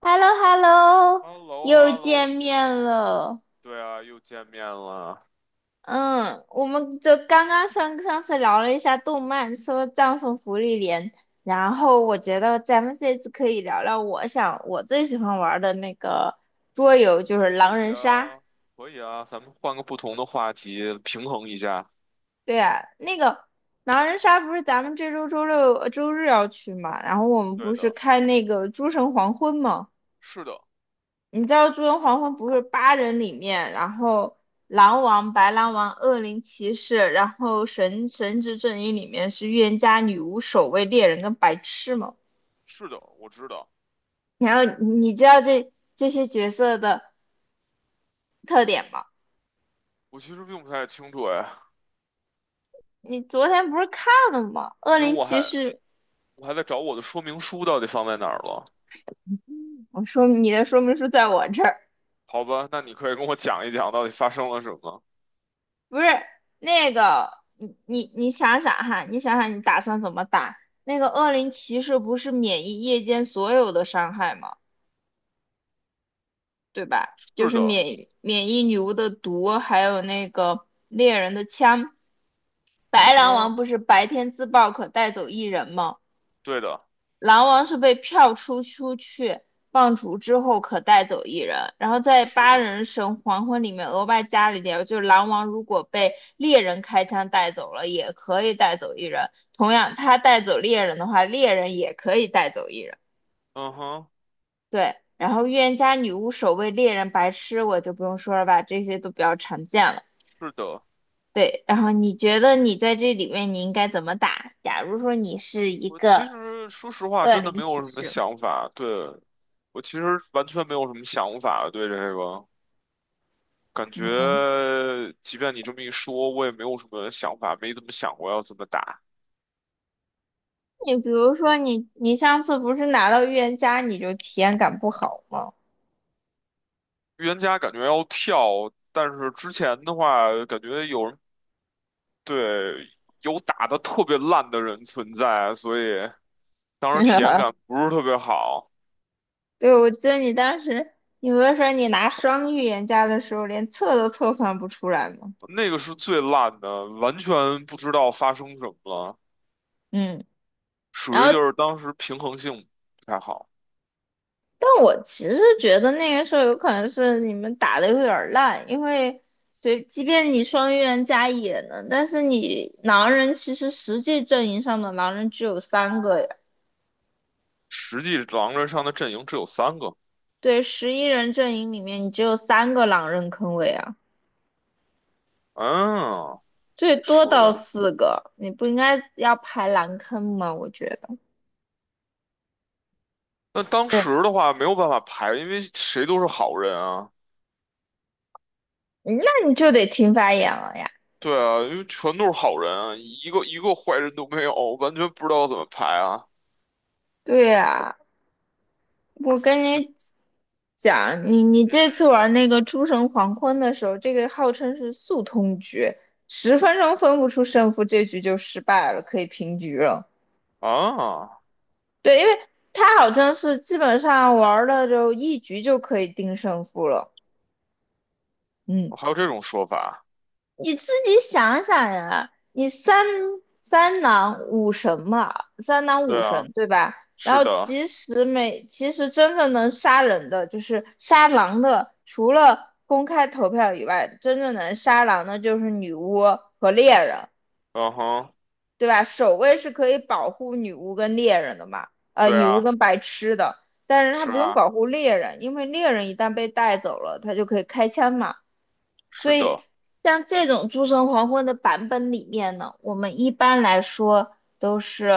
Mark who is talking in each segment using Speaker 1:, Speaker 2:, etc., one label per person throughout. Speaker 1: h e l l o h e l l
Speaker 2: h
Speaker 1: o
Speaker 2: e l l o h
Speaker 1: 又
Speaker 2: e l l o
Speaker 1: 见面了。
Speaker 2: 对啊，又见面了。
Speaker 1: 嗯，我们就刚刚上上次聊了一下动漫，说葬送福利连，然后我觉得咱们这次可以聊聊我想我最喜欢玩的那个桌游，就是
Speaker 2: 可
Speaker 1: 狼
Speaker 2: 以
Speaker 1: 人杀。
Speaker 2: 啊，可以啊，咱们换个不同的话题，平衡一下。
Speaker 1: 对呀，那个狼人杀不是咱们这周周六、周日要去嘛，然后我们
Speaker 2: 对
Speaker 1: 不是
Speaker 2: 的，
Speaker 1: 开那个诸神黄昏嘛？
Speaker 2: 是的，
Speaker 1: 你知道《诸神黄昏》不是八人里面，然后狼王、白狼王、恶灵骑士，然后神之阵营里面是预言家、女巫、守卫、猎人跟白痴吗？
Speaker 2: 是的，我知道。
Speaker 1: 然后你知道这些角色的特点吗？
Speaker 2: 我其实并不太清楚哎，
Speaker 1: 你昨天不是看了吗？恶
Speaker 2: 因为
Speaker 1: 灵
Speaker 2: 我
Speaker 1: 骑
Speaker 2: 还
Speaker 1: 士，
Speaker 2: 我还在找我的说明书到底放在哪儿了。
Speaker 1: 我说你的说明书在我这儿，
Speaker 2: 好吧，那你可以跟我讲一讲到底发生了什么。
Speaker 1: 不是那个你想想哈，你想想你打算怎么打？那个恶灵骑士不是免疫夜间所有的伤害吗？对吧？就
Speaker 2: 是
Speaker 1: 是
Speaker 2: 的，
Speaker 1: 免疫女巫的毒，还有那个猎人的枪。白狼
Speaker 2: 嗯，
Speaker 1: 王不是白天自爆可带走一人吗？
Speaker 2: 对的，
Speaker 1: 狼王是被票出去放逐之后可带走一人，然后在
Speaker 2: 是
Speaker 1: 八
Speaker 2: 的，
Speaker 1: 人神黄昏里面额外加了一条，就是狼王如果被猎人开枪带走了，也可以带走一人。同样，他带走猎人的话，猎人也可以带走一人。
Speaker 2: 嗯哼，
Speaker 1: 对，然后预言家、女巫、守卫、猎人、白痴，我就不用说了吧，这些都比较常见了。
Speaker 2: 是的。
Speaker 1: 对，然后你觉得你在这里面你应该怎么打？假如说你是一
Speaker 2: 我
Speaker 1: 个
Speaker 2: 其实说实话，
Speaker 1: 恶
Speaker 2: 真的
Speaker 1: 灵
Speaker 2: 没有
Speaker 1: 骑
Speaker 2: 什么
Speaker 1: 士，
Speaker 2: 想法。对，我其实完全没有什么想法对这个。感
Speaker 1: 嗯，
Speaker 2: 觉即便你这么一说，我也没有什么想法，没怎么想过要怎么打。
Speaker 1: 你比如说你上次不是拿到预言家你就体验感不好吗？
Speaker 2: 预言家感觉要跳，但是之前的话，感觉有人对有打的特别烂的人存在，所以当时体验感 不是特别好。
Speaker 1: 对，我记得你当时你不是说你拿双预言家的时候连测都测算不出来吗？
Speaker 2: 那个是最烂的，完全不知道发生什么了，
Speaker 1: 嗯，然
Speaker 2: 属于就
Speaker 1: 后。
Speaker 2: 是当时平衡性不太好。
Speaker 1: 但我其实觉得那个时候有可能是你们打的有点儿烂，因为随即便你双预言加野能，但是你狼人其实实际阵营上的狼人只有三个呀，
Speaker 2: 实际狼人上的阵营只有三个，
Speaker 1: 对，11人阵营里面你只有三个狼人坑位啊，
Speaker 2: 嗯，
Speaker 1: 最多
Speaker 2: 说
Speaker 1: 到
Speaker 2: 的。
Speaker 1: 四个，你不应该要排狼坑吗？我觉得，
Speaker 2: 那当
Speaker 1: 对，
Speaker 2: 时的话没有办法排，因为谁都是好人啊，
Speaker 1: 嗯，那你就得听发言了呀。
Speaker 2: 对啊，因为全都是好人啊，一个一个坏人都没有，完全不知道怎么排啊。
Speaker 1: 对呀、我跟
Speaker 2: 就
Speaker 1: 你讲，你这次玩那个诸神黄昏的时候，这个号称是速通局，10分钟分不出胜负，这局就失败了，可以平局了。
Speaker 2: 啊，
Speaker 1: 对，因为他好像是基本上玩了就一局就可以定胜负了。嗯，
Speaker 2: 还有这种说法？
Speaker 1: 你自己想想呀，你三郎五神嘛，三郎五
Speaker 2: 对啊，
Speaker 1: 神对吧？然
Speaker 2: 是
Speaker 1: 后
Speaker 2: 的，
Speaker 1: 其实真正能杀人的，就是杀狼的，除了公开投票以外，真正能杀狼的就是女巫和猎人，
Speaker 2: 嗯哼，
Speaker 1: 对吧？守卫是可以保护女巫跟猎人的嘛，
Speaker 2: 对
Speaker 1: 女巫
Speaker 2: 啊，
Speaker 1: 跟白痴的，但是他
Speaker 2: 是
Speaker 1: 不用
Speaker 2: 啊，
Speaker 1: 保护猎人，因为猎人一旦被带走了，他就可以开枪嘛。所
Speaker 2: 是
Speaker 1: 以
Speaker 2: 的，
Speaker 1: 像这种诸神黄昏的版本里面呢，我们一般来说都是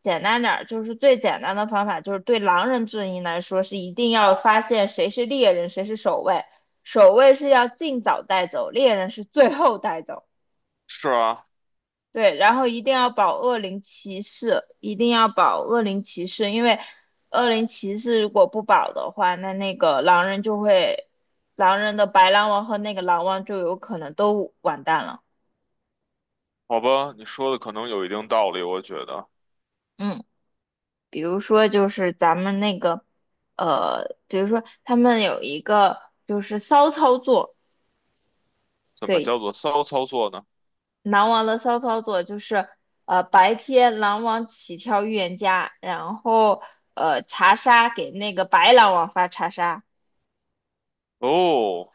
Speaker 1: 简单点儿，就是最简单的方法，就是对狼人阵营来说是一定要发现谁是猎人，谁是守卫，守卫是要尽早带走，猎人是最后带走。
Speaker 2: 是啊，
Speaker 1: 对，然后一定要保恶灵骑士，一定要保恶灵骑士，因为恶灵骑士如果不保的话，那个狼人就会，狼人的白狼王和那个狼王就有可能都完蛋了。
Speaker 2: 好吧，你说的可能有一定道理，我觉得。
Speaker 1: 嗯，比如说就是咱们那个，比如说他们有一个就是骚操作，
Speaker 2: 怎么
Speaker 1: 对，
Speaker 2: 叫做骚操作呢？
Speaker 1: 狼王的骚操作就是，白天狼王起跳预言家，然后查杀给那个白狼王发查杀。
Speaker 2: 哦，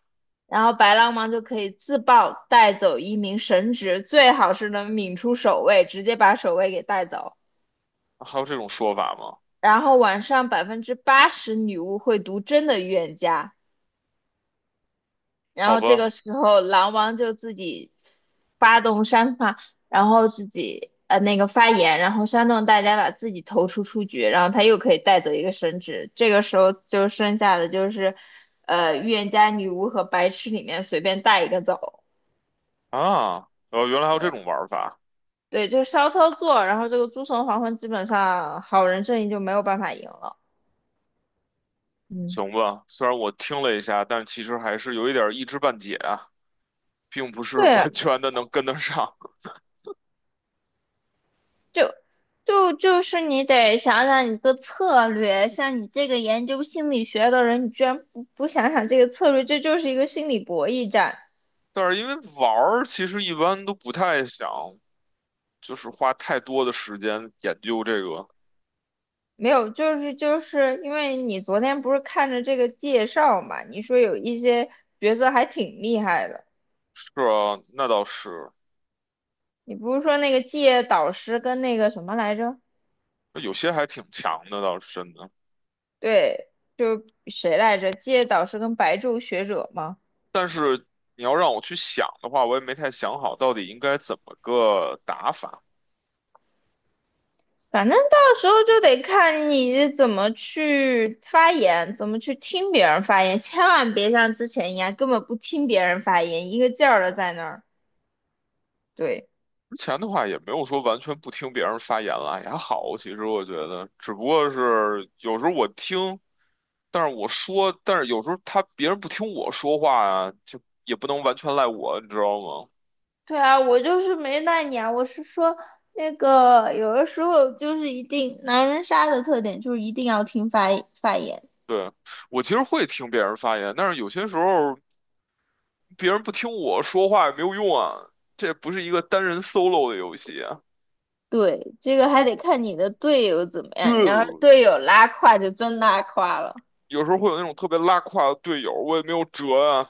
Speaker 1: 然后白狼王就可以自爆带走一名神职，最好是能抿出守卫，直接把守卫给带走。
Speaker 2: 还有这种说法吗？
Speaker 1: 然后晚上80%女巫会读真的预言家，然
Speaker 2: 好
Speaker 1: 后这个
Speaker 2: 吧，
Speaker 1: 时候狼王就自己发动煽发，然后自己那个发言，然后煽动大家把自己投出出局，然后他又可以带走一个神职。这个时候就剩下的就是，预言家、女巫和白痴里面随便带一个走。
Speaker 2: 啊，哦，原来还有这
Speaker 1: 对，
Speaker 2: 种玩法。
Speaker 1: 对，就是骚操作，然后这个诸神黄昏基本上好人阵营就没有办法赢了。嗯，
Speaker 2: 行吧，虽然我听了一下，但其实还是有一点儿一知半解啊，并不是
Speaker 1: 对，
Speaker 2: 完全的能跟得上。
Speaker 1: 就就是你得想想你的策略，像你这个研究心理学的人，你居然不想想这个策略，这就是一个心理博弈战。
Speaker 2: 但是因为玩儿，其实一般都不太想，就是花太多的时间研究这个。
Speaker 1: 没有，就是因为你昨天不是看着这个介绍嘛，你说有一些角色还挺厉害的，
Speaker 2: 是啊，那倒是，
Speaker 1: 你不是说那个界导师跟那个什么来着？
Speaker 2: 那有些还挺强的，倒是真的。
Speaker 1: 对，就谁来着？借导师跟白昼学者吗？
Speaker 2: 你要让我去想的话，我也没太想好到底应该怎么个打法。
Speaker 1: 反正到时候就得看你怎么去发言，怎么去听别人发言，千万别像之前一样根本不听别人发言，一个劲儿的在那儿。对，
Speaker 2: 之前的话也没有说完全不听别人发言了，也还好。其实我觉得，只不过是有时候我听。但是我说，但是有时候他别人不听我说话啊，就也不能完全赖我，你知道吗？
Speaker 1: 对啊，我就是没赖你啊，我是说那个有的时候就是一定狼人杀的特点就是一定要听发言。
Speaker 2: 对，我其实会听别人发言，但是有些时候别人不听我说话也没有用啊，这不是一个单人 solo 的游戏啊。
Speaker 1: 对，这个还得看你的队友怎么样，你要是
Speaker 2: 对，
Speaker 1: 队友拉胯就真拉胯了。
Speaker 2: 有时候会有那种特别拉胯的队友，我也没有辙啊。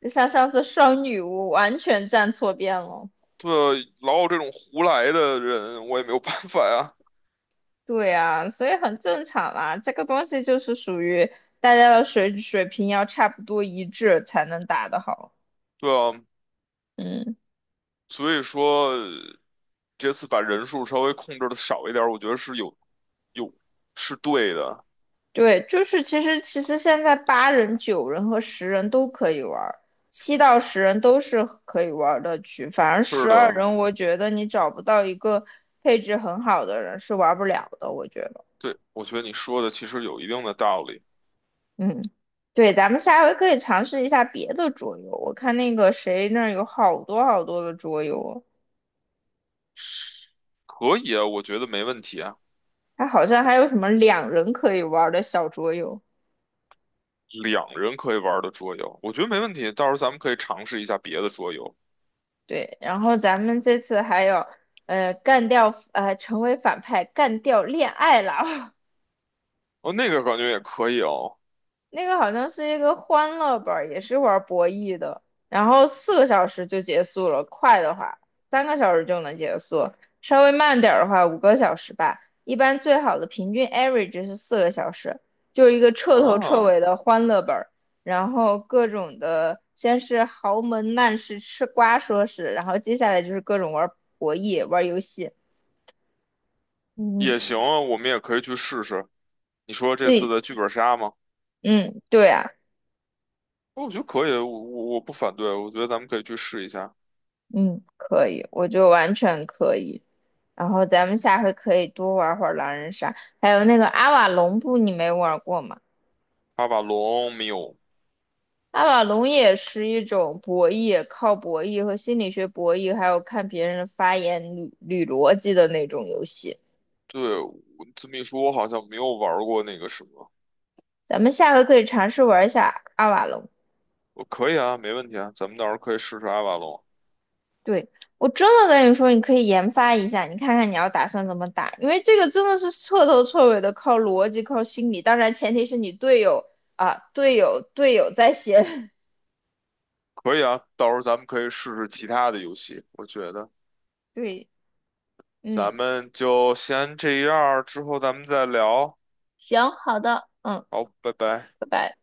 Speaker 1: 就像上次双女巫完全站错边了。
Speaker 2: 对，老有这种胡来的人，我也没有办法呀。
Speaker 1: 对啊，所以很正常啦。这个东西就是属于大家的水平要差不多一致才能打得好。
Speaker 2: 对啊，
Speaker 1: 嗯，
Speaker 2: 所以说这次把人数稍微控制的少一点儿，我觉得是有是对的。
Speaker 1: 对，就是其实现在八人、9人和十人都可以玩儿，7到10人都是可以玩儿的局。反而
Speaker 2: 是
Speaker 1: 十二
Speaker 2: 的，
Speaker 1: 人，我觉得你找不到一个配置很好的人是玩不了的，我觉得。
Speaker 2: 对，我觉得你说的其实有一定的道理，
Speaker 1: 嗯，对，咱们下回可以尝试一下别的桌游。我看那个谁那儿有好多好多的桌游，
Speaker 2: 可以啊，我觉得没问题啊，
Speaker 1: 还好像还有什么2人可以玩儿的小桌游。
Speaker 2: 两人可以玩的桌游，我觉得没问题，到时候咱们可以尝试一下别的桌游，
Speaker 1: 对，然后咱们这次还有，干掉，成为反派，干掉恋爱脑。
Speaker 2: 哦，那个感觉也可以哦，
Speaker 1: 那个好像是一个欢乐本儿，也是玩博弈的，然后四个小时就结束了，快的话3个小时就能结束，稍微慢点儿的话5个小时吧。一般最好的平均 average 是4个小时，就是一个彻头彻
Speaker 2: 啊，
Speaker 1: 尾的欢乐本儿，然后各种的，先是豪门难事吃瓜说事，然后接下来就是各种玩博弈、玩游戏。嗯，
Speaker 2: 也行啊，我们也可以去试试。你说这次
Speaker 1: 对，
Speaker 2: 的剧本杀吗？
Speaker 1: 嗯，对啊，
Speaker 2: 哦我觉得可以，我不反对，我觉得咱们可以去试一下。
Speaker 1: 嗯，可以，我觉得完全可以。然后咱们下回可以多玩会儿狼人杀，还有那个阿瓦隆布，你没玩过吗？
Speaker 2: 阿瓦隆没有，
Speaker 1: 阿瓦隆也是一种博弈，靠博弈和心理学博弈，还有看别人的发言捋捋逻辑的那种游戏。
Speaker 2: 对，我这么一说，我好像没有玩过那个什么，
Speaker 1: 咱们下回可以尝试玩一下阿瓦隆。
Speaker 2: 我可以啊，没问题啊，咱们到时候可以试试阿瓦隆。
Speaker 1: 对，我真的跟你说，你可以研发一下，你看看你要打算怎么打，因为这个真的是彻头彻尾的靠逻辑、靠心理，当然前提是你队友啊，队友在先。
Speaker 2: 可以啊，到时候咱们可以试试其他的游戏，我觉得
Speaker 1: 对，
Speaker 2: 咱
Speaker 1: 嗯。
Speaker 2: 们就先这样儿之后咱们再聊。
Speaker 1: 行，好的，嗯，
Speaker 2: 好，拜拜。
Speaker 1: 拜拜。